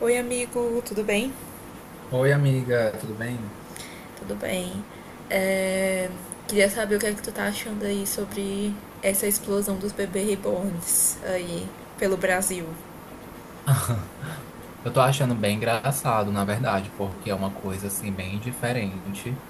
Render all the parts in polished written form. Oi, amigo, tudo bem? Oi, amiga, tudo bem? Tudo bem. É, Queria saber o que é que tu tá achando aí sobre essa explosão dos bebês reborns aí pelo Brasil. Eu tô achando bem engraçado, na verdade, porque é uma coisa assim bem diferente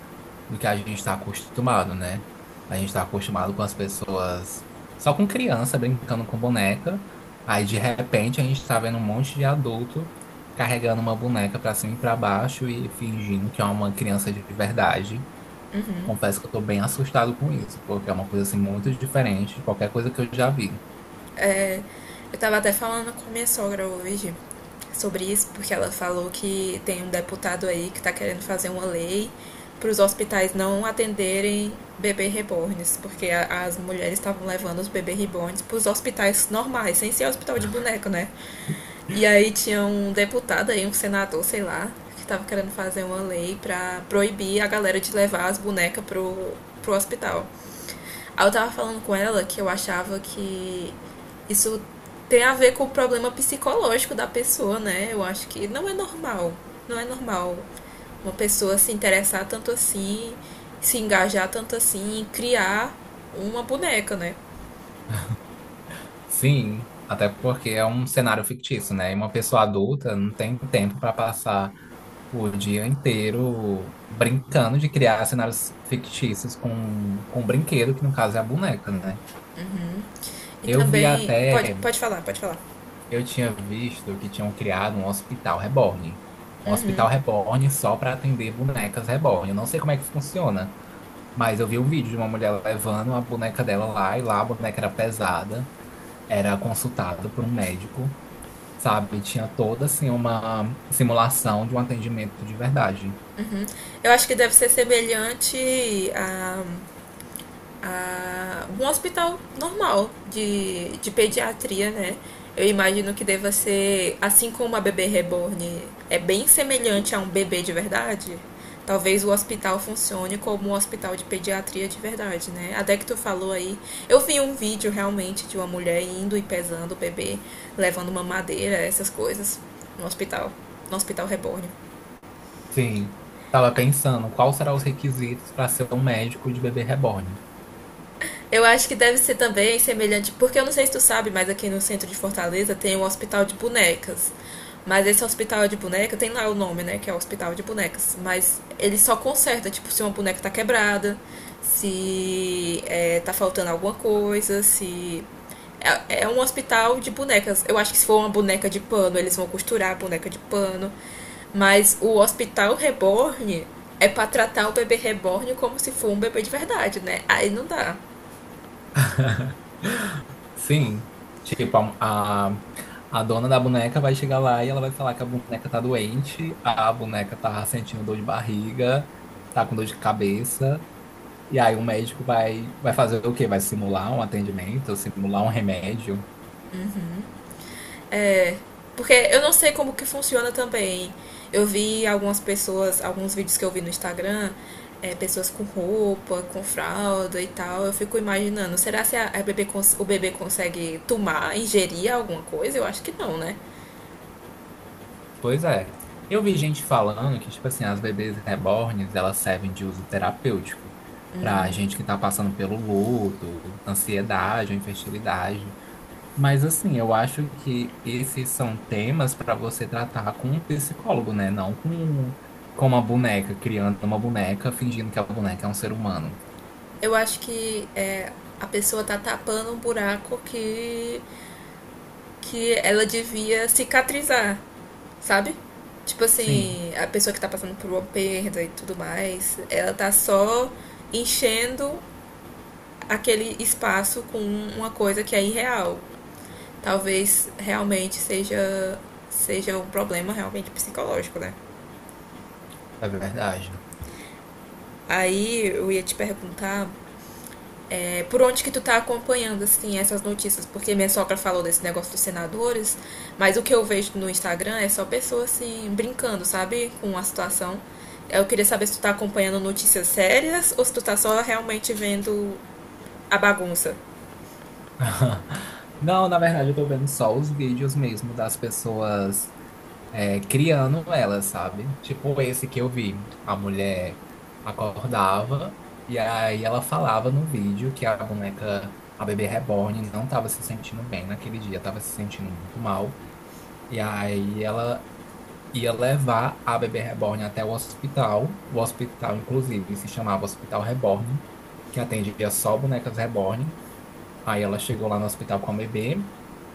do que a gente está acostumado, né? A gente está acostumado com as pessoas só com criança brincando com boneca, aí de repente a gente tá vendo um monte de adulto carregando uma boneca pra cima e pra baixo e fingindo que é uma criança de verdade. Confesso que eu tô bem assustado com isso, porque é uma coisa assim muito diferente de qualquer coisa que eu já vi. É, eu tava até falando com minha sogra hoje sobre isso, porque ela falou que tem um deputado aí que tá querendo fazer uma lei para os hospitais não atenderem bebê reborns, porque as mulheres estavam levando os bebê reborns para os hospitais normais, sem ser hospital de boneco, né? E aí tinha um deputado aí, um senador, sei lá, que tava querendo fazer uma lei pra proibir a galera de levar as bonecas pro hospital. Aí eu tava falando com ela que eu achava que isso tem a ver com o problema psicológico da pessoa, né? Eu acho que não é normal. Não é normal uma pessoa se interessar tanto assim, se engajar tanto assim, em criar uma boneca, né? Sim, até porque é um cenário fictício, né? E uma pessoa adulta não tem tempo para passar o dia inteiro brincando de criar cenários fictícios com um brinquedo, que no caso é a boneca, né? E Eu vi também. Pode, até, pode falar, pode falar. eu tinha visto que tinham criado um hospital reborn. Um hospital reborn só para atender bonecas reborn. Eu não sei como é que funciona, mas eu vi um vídeo de uma mulher levando a boneca dela lá, e lá a boneca era pesada, era consultado por um médico. Sabe? Tinha toda assim uma simulação de um atendimento de verdade. Eu acho que deve ser semelhante a um hospital normal de pediatria, né? Eu imagino que deva ser, assim como a bebê reborn é bem semelhante a um bebê de verdade, talvez o hospital funcione como um hospital de pediatria de verdade, né? Até que tu falou aí, eu vi um vídeo realmente de uma mulher indo e pesando o bebê, levando uma madeira, essas coisas, no hospital, no hospital reborn. Sim. Tava pensando quais serão os requisitos para ser um médico de bebê reborn. Eu acho que deve ser também semelhante, porque eu não sei se tu sabe, mas aqui no centro de Fortaleza tem um hospital de bonecas. Mas esse hospital de boneca, tem lá o nome, né? Que é o hospital de bonecas. Mas ele só conserta, tipo, se uma boneca tá quebrada, se é, tá faltando alguma coisa, se. É, é um hospital de bonecas. Eu acho que se for uma boneca de pano, eles vão costurar a boneca de pano. Mas o hospital reborn é pra tratar o bebê reborn como se for um bebê de verdade, né? Aí não dá. Sim, tipo, a dona da boneca vai chegar lá e ela vai falar que a boneca tá doente, a boneca tá sentindo dor de barriga, tá com dor de cabeça, e aí o médico vai fazer o quê? Vai simular um atendimento, simular um remédio. É, porque eu não sei como que funciona também. Eu vi algumas pessoas, alguns vídeos que eu vi no Instagram, pessoas com roupa, com fralda e tal. Eu fico imaginando, será se a o bebê consegue tomar, ingerir alguma coisa? Eu acho que não, né? Pois é. Eu vi gente falando que, tipo assim, as bebês rebornes, elas servem de uso terapêutico pra gente que tá passando pelo luto, ansiedade, infertilidade. Mas, assim, eu acho que esses são temas para você tratar com um psicólogo, né? Não com uma boneca, criando uma boneca, fingindo que a boneca é um ser humano. Eu acho que a pessoa tá tapando um buraco que ela devia cicatrizar, sabe? Tipo Sim, assim, a pessoa que tá passando por uma perda e tudo mais, ela tá só enchendo aquele espaço com uma coisa que é irreal. Talvez realmente seja um problema realmente psicológico, né? é verdade. Aí eu ia te perguntar por onde que tu tá acompanhando, assim, essas notícias. Porque minha sogra falou desse negócio dos senadores, mas o que eu vejo no Instagram é só pessoas, assim, brincando, sabe? Com a situação. Eu queria saber se tu tá acompanhando notícias sérias ou se tu tá só realmente vendo a bagunça. Não, na verdade, eu tô vendo só os vídeos mesmo das pessoas criando ela, sabe? Tipo esse que eu vi. A mulher acordava e aí ela falava no vídeo que a boneca, a bebê reborn, não estava se sentindo bem naquele dia, estava se sentindo muito mal. E aí ela ia levar a bebê reborn até o hospital. O hospital, inclusive, se chamava Hospital Reborn, que atendia só bonecas reborn. Aí ela chegou lá no hospital com a bebê.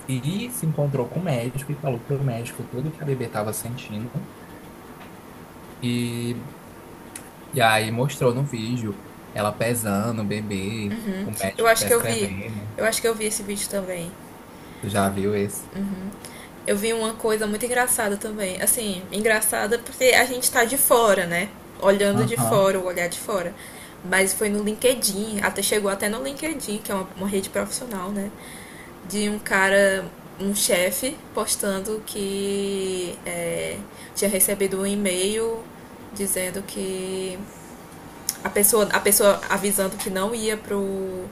E se encontrou com o médico e falou pro médico tudo que a bebê estava sentindo. E, e aí mostrou no vídeo ela pesando o bebê, o Eu médico acho que eu vi. prescrevendo. Eu acho que eu vi esse vídeo também. Tu já viu esse? Eu vi uma coisa muito engraçada também. Assim, engraçada porque a gente tá de fora, né? Olhando de Aham. fora, o olhar de fora. Mas foi no LinkedIn, até chegou até no LinkedIn, que é uma rede profissional, né? De um cara, um chefe, postando que tinha recebido um e-mail dizendo que a pessoa avisando que não ia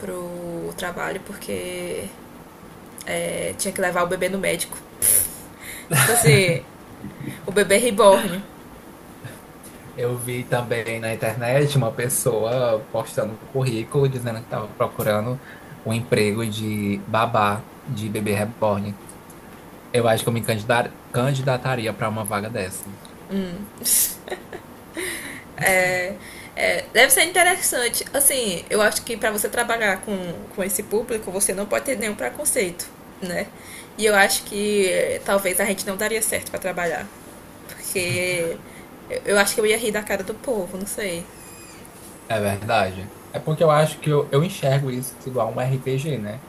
pro trabalho porque tinha que levar o bebê no médico. Tipo assim, o bebê reborn. Eu vi também na internet uma pessoa postando um currículo dizendo que estava procurando um emprego de babá de bebê reborn. Eu acho que eu candidataria para uma vaga dessa. É, deve ser interessante. Assim, eu acho que para você trabalhar com esse público, você não pode ter nenhum preconceito, né? E eu acho que talvez a gente não daria certo para trabalhar. Porque eu acho que eu ia rir da cara do povo, não sei. É verdade. É porque eu acho que eu enxergo isso igual um RPG, né?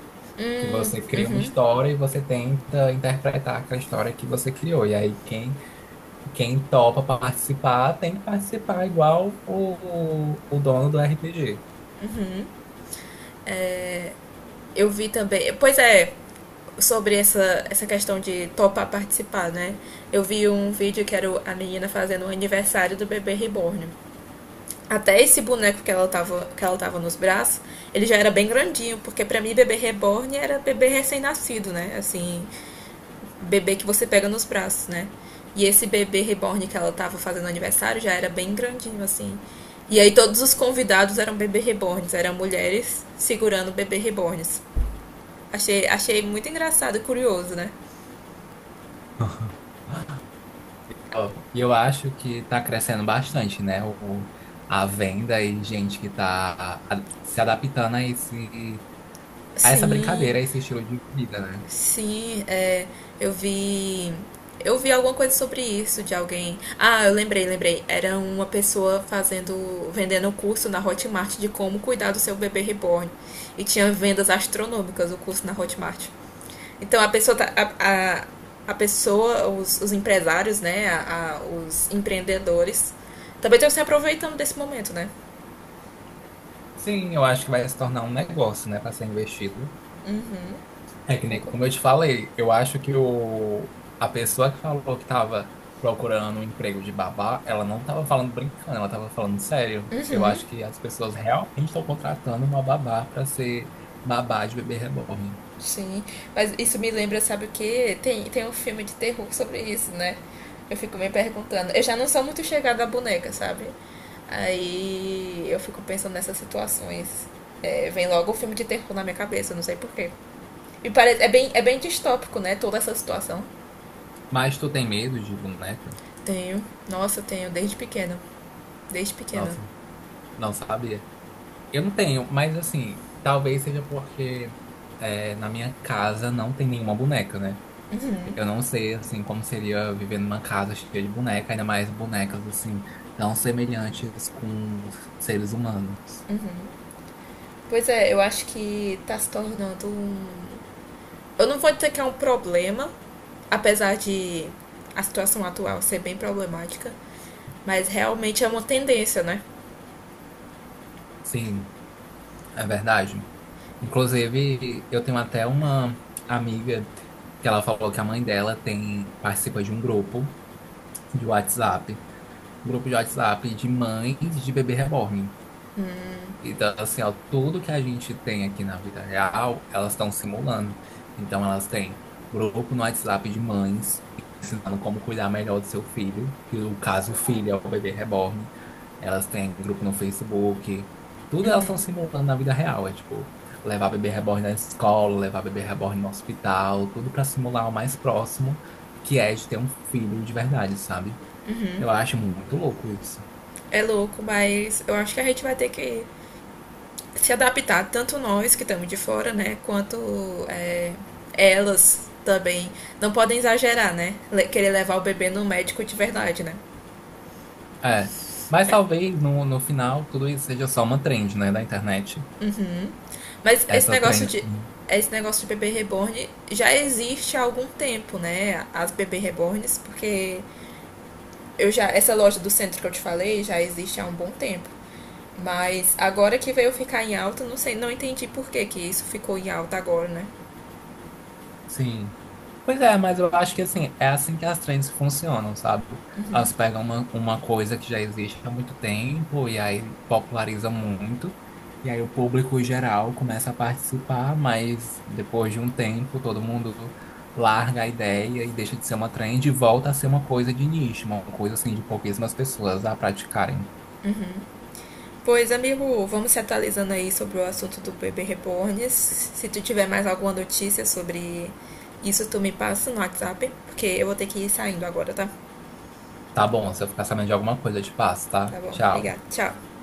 Que você cria uma história e você tenta interpretar aquela história que você criou. E aí quem topa participar tem que participar igual o dono do RPG. Eu vi também. Pois é, sobre essa questão de topar participar, né? Eu vi um vídeo que era a menina fazendo o aniversário do bebê reborn. Até esse boneco que ela tava nos braços, ele já era bem grandinho, porque para mim bebê reborn era bebê recém-nascido, né? Assim, bebê que você pega nos braços, né? E esse bebê reborn que ela tava fazendo aniversário já era bem grandinho, assim. E aí todos os convidados eram bebê reborns, eram mulheres segurando bebê reborns. Achei, achei muito engraçado e curioso, né? Ó, e eu acho que está crescendo bastante, né? O, a venda e gente que está se adaptando a a essa Sim, brincadeira, a esse estilo de vida, né? sim, é, eu vi. Eu vi alguma coisa sobre isso de alguém. Ah, eu lembrei, lembrei. Era uma pessoa fazendo, vendendo um curso na Hotmart de como cuidar do seu bebê reborn. E tinha vendas astronômicas o curso na Hotmart. Então a pessoa a pessoa, os empresários, né, os empreendedores também estão se aproveitando desse momento, né? Sim, eu acho que vai se tornar um negócio, né, para ser investido. É que nem como Concordo. eu te falei, eu acho que o, a pessoa que falou que estava procurando um emprego de babá, ela não estava falando brincando, ela estava falando sério. Eu acho que as pessoas realmente estão contratando uma babá para ser babá de bebê reborn. Sim, mas isso me lembra, sabe o quê? Tem um filme de terror sobre isso, né? Eu fico me perguntando. Eu já não sou muito chegada à boneca, sabe? Aí eu fico pensando nessas situações. É, vem logo o filme de terror na minha cabeça, eu não sei porquê. E parece, é bem distópico, né? Toda essa situação. Mas tu tem medo de boneca? Tenho. Nossa, eu tenho desde pequena. Desde pequena. Nossa, não sabia. Eu não tenho, mas assim, talvez seja porque na minha casa não tem nenhuma boneca, né? Eu não sei, assim, como seria viver numa casa cheia de boneca, ainda mais bonecas, assim, tão semelhantes com seres humanos. Pois é, eu acho que tá se tornando um. Eu não vou dizer que é um problema, apesar de a situação atual ser bem problemática, mas realmente é uma tendência, né? Sim, é verdade. Inclusive, eu tenho até uma amiga que ela falou que a mãe dela tem, participa de um grupo de WhatsApp, um grupo de WhatsApp de mães de bebê reborn. Então, assim, ó, tudo que a gente tem aqui na vida real, elas estão simulando. Então, elas têm grupo no WhatsApp de mães, ensinando como cuidar melhor do seu filho, que no caso o filho é o bebê reborn. Elas têm grupo no Facebook. Tudo elas estão simulando na vida real. É tipo, levar bebê reborn na escola, levar bebê reborn no hospital, tudo para simular o mais próximo que é de ter um filho de verdade, sabe? Eu acho muito louco isso. É louco, mas eu acho que a gente vai ter que se adaptar, tanto nós que estamos de fora, né? Quanto é, elas também. Não podem exagerar, né? Querer levar o bebê no médico de verdade, né? É. Mas talvez no final tudo isso seja só uma trend, né, da internet. Mas esse Essas negócio trends. de. Que- Esse negócio de bebê reborn já existe há algum tempo, né? As bebê reborns, porque eu já essa loja do centro que eu te falei já existe há um bom tempo. Mas agora que veio ficar em alta, não sei, não entendi por que que isso ficou em alta agora, né? Sim. Pois é, mas eu acho que assim, é assim que as trends funcionam, sabe? Elas pegam uma coisa que já existe há muito tempo e aí populariza muito. E aí o público geral começa a participar, mas depois de um tempo todo mundo larga a ideia e deixa de ser uma trend e volta a ser uma coisa de nicho, uma coisa assim de pouquíssimas pessoas a praticarem. Pois, amigo, vamos se atualizando aí sobre o assunto do bebê reborn. Se tu tiver mais alguma notícia sobre isso, tu me passa no WhatsApp, porque eu vou ter que ir saindo agora, tá? Tá bom, se eu ficar sabendo de alguma coisa, eu te passo, tá? Tá bom, Tchau. obrigada. Tchau.